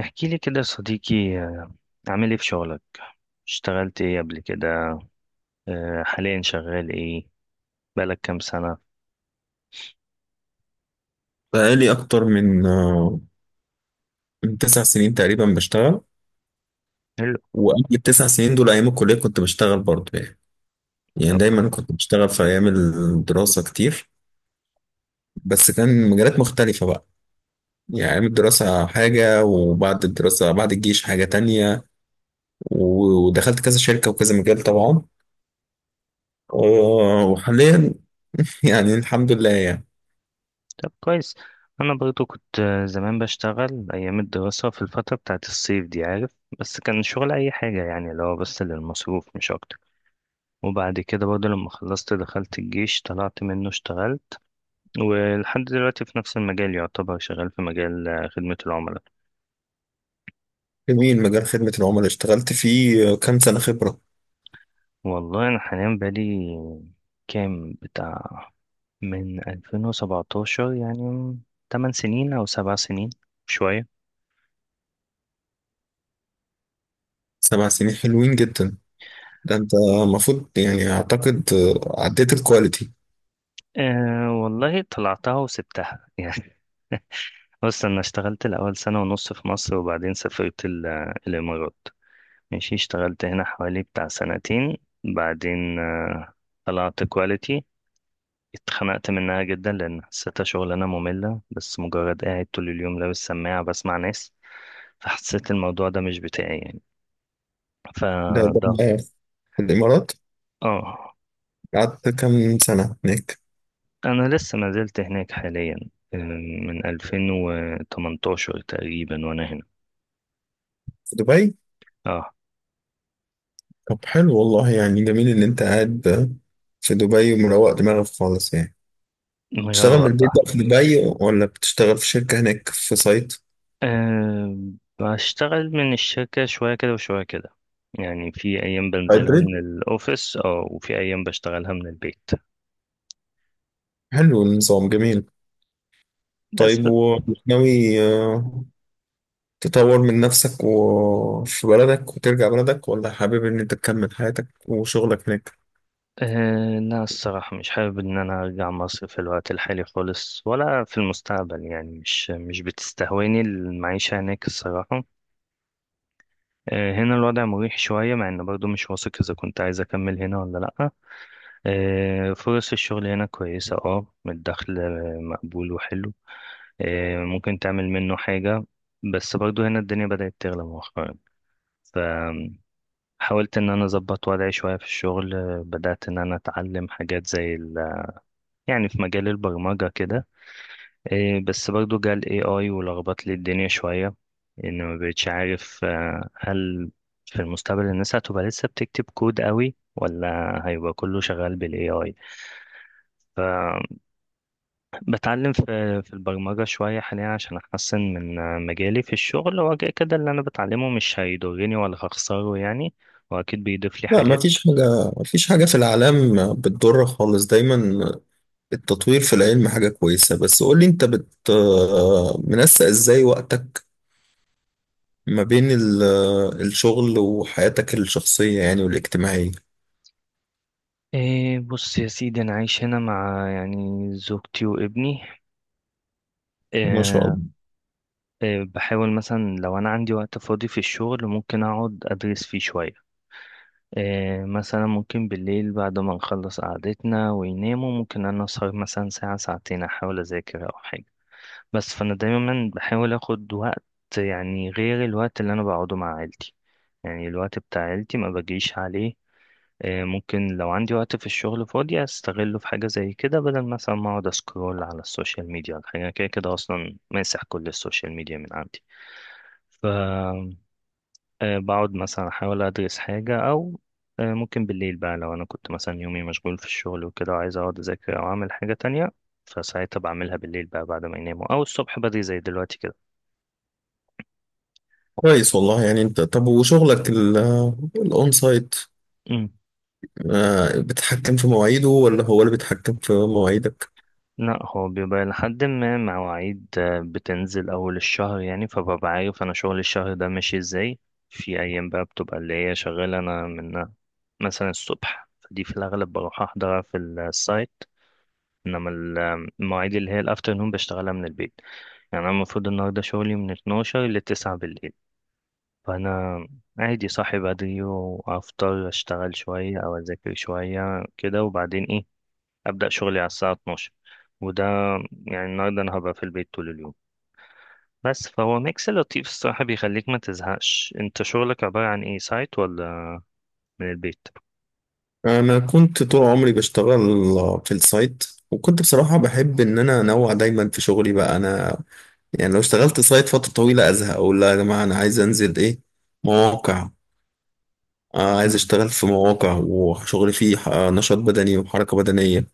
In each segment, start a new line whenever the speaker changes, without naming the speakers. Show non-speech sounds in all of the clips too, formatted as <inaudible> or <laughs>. احكي لي كده يا صديقي، عامل ايه في شغلك؟ اشتغلت ايه قبل كده؟ حاليا شغال ايه؟ بقالك كام سنة؟
بقالي أكتر من من 9 سنين تقريبا بشتغل.
حلو.
وقبل التسع سنين دول أيام الكلية كنت بشتغل برضه. يعني
طب،
دايما كنت بشتغل في أيام الدراسة كتير. بس كان مجالات مختلفة بقى. يعني أيام الدراسة حاجة، وبعد الدراسة بعد الجيش حاجة تانية. و- ودخلت كذا شركة وكذا مجال طبعا. وحاليا <laughs> يعني الحمد لله يعني.
طب كويس. انا برضو كنت زمان بشتغل ايام الدراسة في الفترة بتاعت الصيف دي، عارف. بس كان شغل اي حاجة، يعني اللي هو بس للمصروف مش اكتر. وبعد كده برضو لما خلصت دخلت الجيش، طلعت منه اشتغلت ولحد دلوقتي في نفس المجال. يعتبر شغال في مجال خدمة العملاء.
جميل. مجال خدمة العملاء اشتغلت فيه كام سنة خبرة؟
والله انا حاليا بقالي، كام بتاع، من 2017 يعني. 8 سنين أو 7 سنين، شوية.
7 سنين حلوين جدا. ده انت المفروض يعني اعتقد عديت الكواليتي.
أه والله، طلعتها وسبتها <laughs> يعني. بص، أنا اشتغلت الأول سنة ونص في مصر، وبعدين سافرت الإمارات. ماشي، اشتغلت هنا حوالي بتاع سنتين، بعدين طلعت كواليتي. اتخنقت منها جدا، لأن حسيتها شغلانة مملة، بس مجرد قاعد طول اليوم لابس سماعة بسمع ناس. فحسيت الموضوع ده مش بتاعي يعني.
ده
فده
معايا في الامارات.
اه.
قعدت كام سنه هناك؟
أنا لسه ما زلت هناك حاليا. آه، من 2018 تقريبا وأنا هنا.
في دبي؟
اه،
طب حلو والله، يعني جميل ان انت قاعد في دبي ومروق دماغك خالص يعني. تشتغل من
مروق
البيت
آه.
بقى في دبي ولا بتشتغل في شركه هناك في سايت؟
أه، بشتغل من الشركة شوية كده وشوية كده. يعني في أيام بنزلها
هايبريد.
من الأوفيس، اه، وفي أيام بشتغلها من البيت.
حلو النظام جميل.
بس
طيب، وناوي تطور من نفسك وفي بلدك وترجع بلدك، ولا حابب ان انت تكمل حياتك وشغلك هناك؟
أه، لا، الصراحة مش حابب إن أنا أرجع مصر في الوقت الحالي خالص ولا في المستقبل. يعني مش بتستهويني المعيشة هناك الصراحة. هنا الوضع مريح شوية، مع إن برضو مش واثق إذا كنت عايز أكمل هنا ولا لأ. فرص الشغل هنا كويسة، اه، الدخل مقبول وحلو. ممكن تعمل منه حاجة. بس برضو هنا الدنيا بدأت تغلى مؤخرا. فحاولت إن أنا أظبط وضعي شوية في الشغل. بدأت إن أنا أتعلم حاجات زي يعني في مجال البرمجة كده. إيه، بس برضو جه ال AI ولخبط لي الدنيا شوية. إن ما بقتش عارف هل في المستقبل الناس هتبقى لسه بتكتب كود قوي، ولا هيبقى كله شغال بال AI. فبتعلم في البرمجة شوية حاليا، عشان أحسن من مجالي في الشغل. هو كده كده اللي أنا بتعلمه مش هيضرني ولا هخسره يعني، وأكيد بيضيف لي
لا، ما
حاجات.
فيش حاجة، ما فيش حاجة في الإعلام بتضر خالص دايما. التطوير في العلم حاجة كويسة. بس قولي أنت بت منسق إزاي وقتك ما بين الشغل وحياتك الشخصية، يعني والاجتماعية.
إيه، بص يا سيدي، أنا عايش هنا مع، يعني، زوجتي وابني.
ما شاء الله.
بحاول مثلا لو أنا عندي وقت فاضي في الشغل ممكن أقعد أدرس فيه شوية. مثلا ممكن بالليل بعد ما نخلص قعدتنا ويناموا ممكن أنا أسهر مثلا ساعة ساعتين، أحاول أذاكر أو حاجة. بس فأنا دايما بحاول أخد وقت، يعني غير الوقت اللي أنا بقعده مع عيلتي. يعني الوقت بتاع عيلتي ما بجيش عليه. ممكن لو عندي وقت في الشغل فاضي أستغله في حاجة زي كده، بدل مثلا ما أقعد أسكرول على السوشيال ميديا ولا حاجة. أنا كده كده أصلا ماسح كل السوشيال ميديا من عندي. ف بقعد مثلا أحاول أدرس حاجة، أو ممكن بالليل بقى لو أنا كنت مثلا يومي مشغول في الشغل وكده وعايز أقعد أذاكر أو أعمل حاجة تانية، فساعتها بعملها بالليل بقى بعد ما يناموا، أو الصبح بدري زي دلوقتي كده.
كويس والله يعني. أنت طب، وشغلك الأون سايت،
مم.
بتتحكم في مواعيده ولا هو اللي بيتحكم في مواعيدك؟
لا، هو بيبقى لحد ما مواعيد بتنزل أول الشهر، يعني فببقى عارف أنا شغل الشهر ده ماشي إزاي. في أيام بقى بتبقى اللي هي شغالة أنا من مثلا الصبح، فدي في الأغلب بروح أحضرها في السايت. انما المواعيد اللي هي الافتر نون بشتغلها من البيت. يعني انا المفروض النهارده شغلي من 12 ل 9 بالليل. فانا عادي، صاحي بدري وافطر، اشتغل شويه او اذاكر شويه كده، وبعدين ايه، ابدا شغلي على الساعه 12. وده يعني النهارده انا هبقى في البيت طول اليوم. بس فهو ميكس لطيف الصراحه، بيخليك ما تزهقش. انت شغلك عباره عن ايه، سايت ولا من البيت؟
أنا كنت طول عمري بشتغل في السايت، وكنت بصراحة بحب إن أنا أنوع دايما في شغلي. بقى أنا يعني لو اشتغلت سايت فترة طويلة أزهق أقول لا يا جماعة، أنا عايز أنزل إيه، مواقع. عايز
مم.
أشتغل في مواقع وشغل فيه نشاط بدني وحركة بدنية.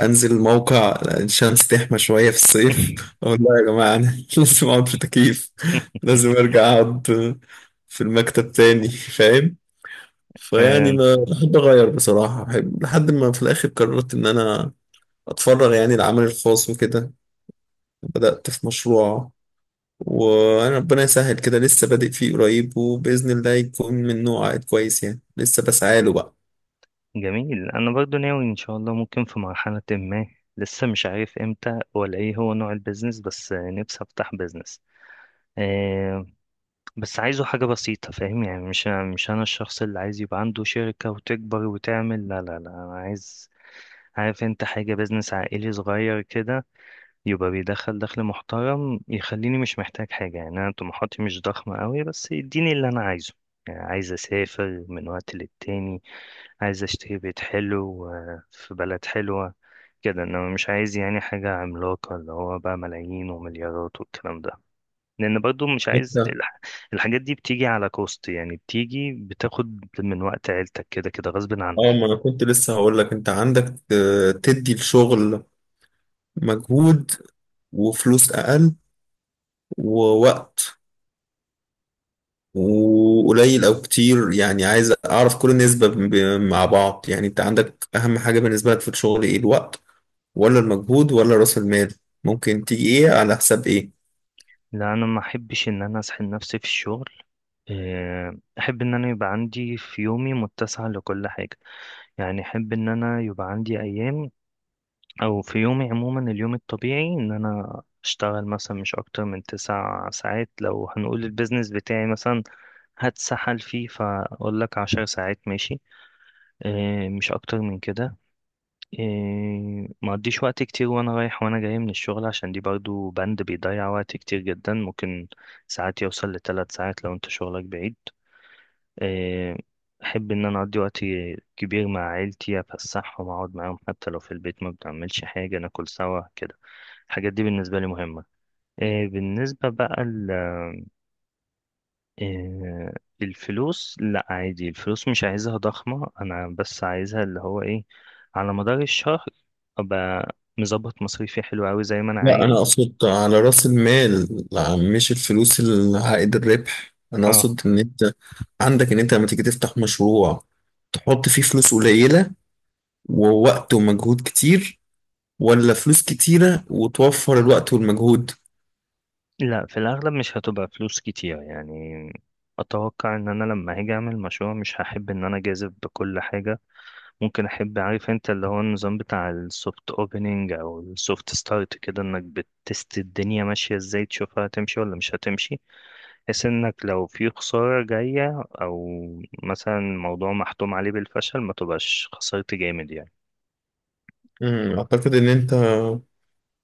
أنزل موقع، الشمس تحمى شوية في الصيف، أقول لا يا جماعة، أنا <laughs> لازم أقعد في تكييف. لازم أرجع أقعد في المكتب تاني، فاهم. فيعني
<laughs>
ما
<laughs>
بحب أغير بصراحة، بحب لحد ما في الآخر قررت إن أنا أتفرغ يعني العمل الخاص وكده. بدأت في مشروع، وانا ربنا يسهل كده لسه بادئ فيه قريب، وباذن الله يكون من نوع عائد كويس يعني، لسه بسعى له بقى.
جميل. انا برضو ناوي ان شاء الله ممكن في مرحلة ما، لسه مش عارف امتى ولا ايه هو نوع البيزنس، بس نفسي افتح بيزنس. آه بس عايزه حاجة بسيطة، فاهم يعني؟ مش انا الشخص اللي عايز يبقى عنده شركة وتكبر وتعمل، لا لا لا، انا عايز، عارف انت حاجة، بيزنس عائلي صغير كده، يبقى بيدخل دخل محترم يخليني مش محتاج حاجة. يعني انا طموحاتي مش ضخمة قوي، بس يديني اللي انا عايزه. يعني عايز اسافر من وقت للتاني، عايز اشتري بيت حلو في بلد حلوة كده. انما مش عايز يعني حاجة عملاقة اللي هو بقى ملايين ومليارات والكلام ده، لان برضو مش عايز
انت.
الحاجات دي بتيجي على كوست. يعني بتيجي بتاخد من وقت عيلتك كده كده غصب
اه،
عنك.
ما انا كنت لسه هقول لك، انت عندك تدي الشغل مجهود وفلوس اقل ووقت، وقليل او كتير يعني، عايز اعرف كل نسبة مع بعض. يعني انت عندك اهم حاجة بالنسبة لك في الشغل ايه؟ الوقت ولا المجهود ولا راس المال؟ ممكن تيجي ايه على حساب ايه؟
لا، انا ما احبش ان انا اسحل نفسي في الشغل. احب ان انا يبقى عندي في يومي متسع لكل حاجة. يعني احب ان انا يبقى عندي ايام، او في يومي عموما، اليوم الطبيعي ان انا اشتغل مثلا مش اكتر من 9 ساعات. لو هنقول البيزنس بتاعي مثلا هتسحل فيه، فاقول لك 10 ساعات ماشي، اه، مش اكتر من كده. اه، ما اقضيش وقت كتير وانا رايح وانا جاي من الشغل، عشان دي برضو بند بيضيع وقت كتير جدا، ممكن ساعات يوصل لثلاث ساعات لو انت شغلك بعيد. آه، أحب إن أنا أقضي وقت كبير مع عيلتي، أفسحهم، أقعد معاهم، حتى لو في البيت ما بنعملش حاجة ناكل سوا كده. الحاجات دي بالنسبة لي مهمة. بالنسبة بقى آه، الفلوس، لا عادي، الفلوس مش عايزها ضخمة، أنا بس عايزها اللي هو إيه، على مدار الشهر أبقى مظبط مصاريفي حلو أوي زي ما أنا
لا، انا
عايز.
اقصد على راس المال، لا مش الفلوس اللي عائد الربح. انا
اه
اقصد ان انت عندك ان انت لما تيجي تفتح مشروع تحط فيه فلوس قليلة ووقت ومجهود كتير، ولا فلوس كتيرة وتوفر الوقت والمجهود؟
لا، في الأغلب مش هتبقى فلوس كتير يعني. أتوقع إن أنا لما هاجي أعمل مشروع مش هحب إن أنا أجازف بكل حاجة. ممكن احب، عارف انت، اللي هو النظام بتاع السوفت اوبننج او السوفت ستارت كده، انك بتست الدنيا ماشيه ازاي، تشوفها هتمشي ولا مش هتمشي. بحيث انك لو في خساره جايه، او مثلا موضوع محتوم عليه بالفشل، ما تبقاش خسرت جامد يعني.
مم، اعتقد ان انت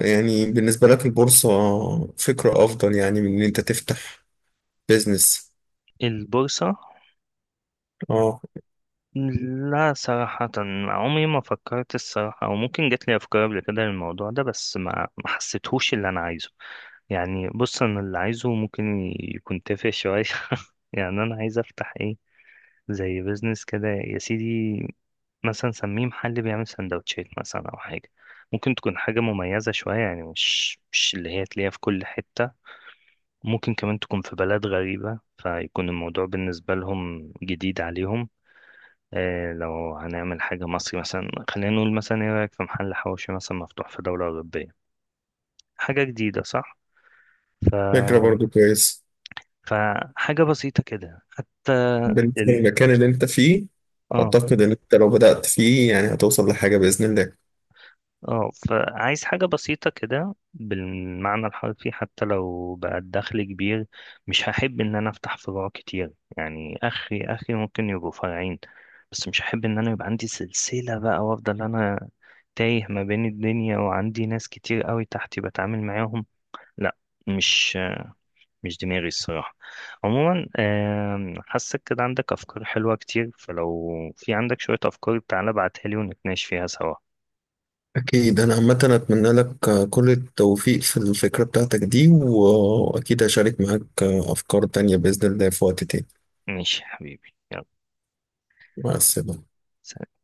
يعني بالنسبة لك البورصة فكرة افضل، يعني من ان انت تفتح بيزنس.
البورصه؟
اه،
لا، صراحة عمري ما فكرت الصراحة، أو ممكن جات لي أفكار قبل كده للموضوع ده، بس ما حسيتهوش اللي أنا عايزه. يعني بص، أنا اللي عايزه ممكن يكون تافه شوية <laughs> يعني. أنا عايز أفتح إيه؟ زي بيزنس كده يا سيدي، مثلا سميه محل بيعمل سندوتشات مثلا او حاجه، ممكن تكون حاجه مميزه شويه، يعني مش اللي هي تلاقيها في كل حته. ممكن كمان تكون في بلد غريبه فيكون الموضوع بالنسبه لهم جديد عليهم. لو هنعمل حاجه مصري مثلا، خلينا نقول مثلا، ايه رايك في محل حواوشي مثلا مفتوح في دوله اوروبيه؟ حاجه جديده، صح؟ ف...
فكرة برضو كويس
فحاجه بسيطه كده حتى.
بالنسبة
ال...
للمكان اللي انت فيه.
اه،
اعتقد ان انت لو بدأت فيه يعني هتوصل لحاجة بإذن الله.
اه، فعايز حاجة بسيطة كده بالمعنى الحرفي، حتى لو بقى الدخل كبير. مش هحب ان انا افتح فروع كتير يعني، اخري اخري، ممكن يبقوا فرعين، بس مش هحب ان انا يبقى عندي سلسلة بقى، وافضل انا تايه ما بين الدنيا وعندي ناس كتير قوي تحتي بتعامل معاهم. لا، مش مش دماغي الصراحة. عموما، حاسك كده عندك افكار حلوة كتير، فلو في عندك شوية افكار تعالى ابعتها لي ونتناقش فيها سوا.
أكيد. أنا عامة أتمنى لك كل التوفيق في الفكرة بتاعتك دي، وأكيد هشارك معاك أفكار تانية بإذن الله في وقت تاني.
ماشي يا حبيبي، يلا،
مع السلامة.
سلام.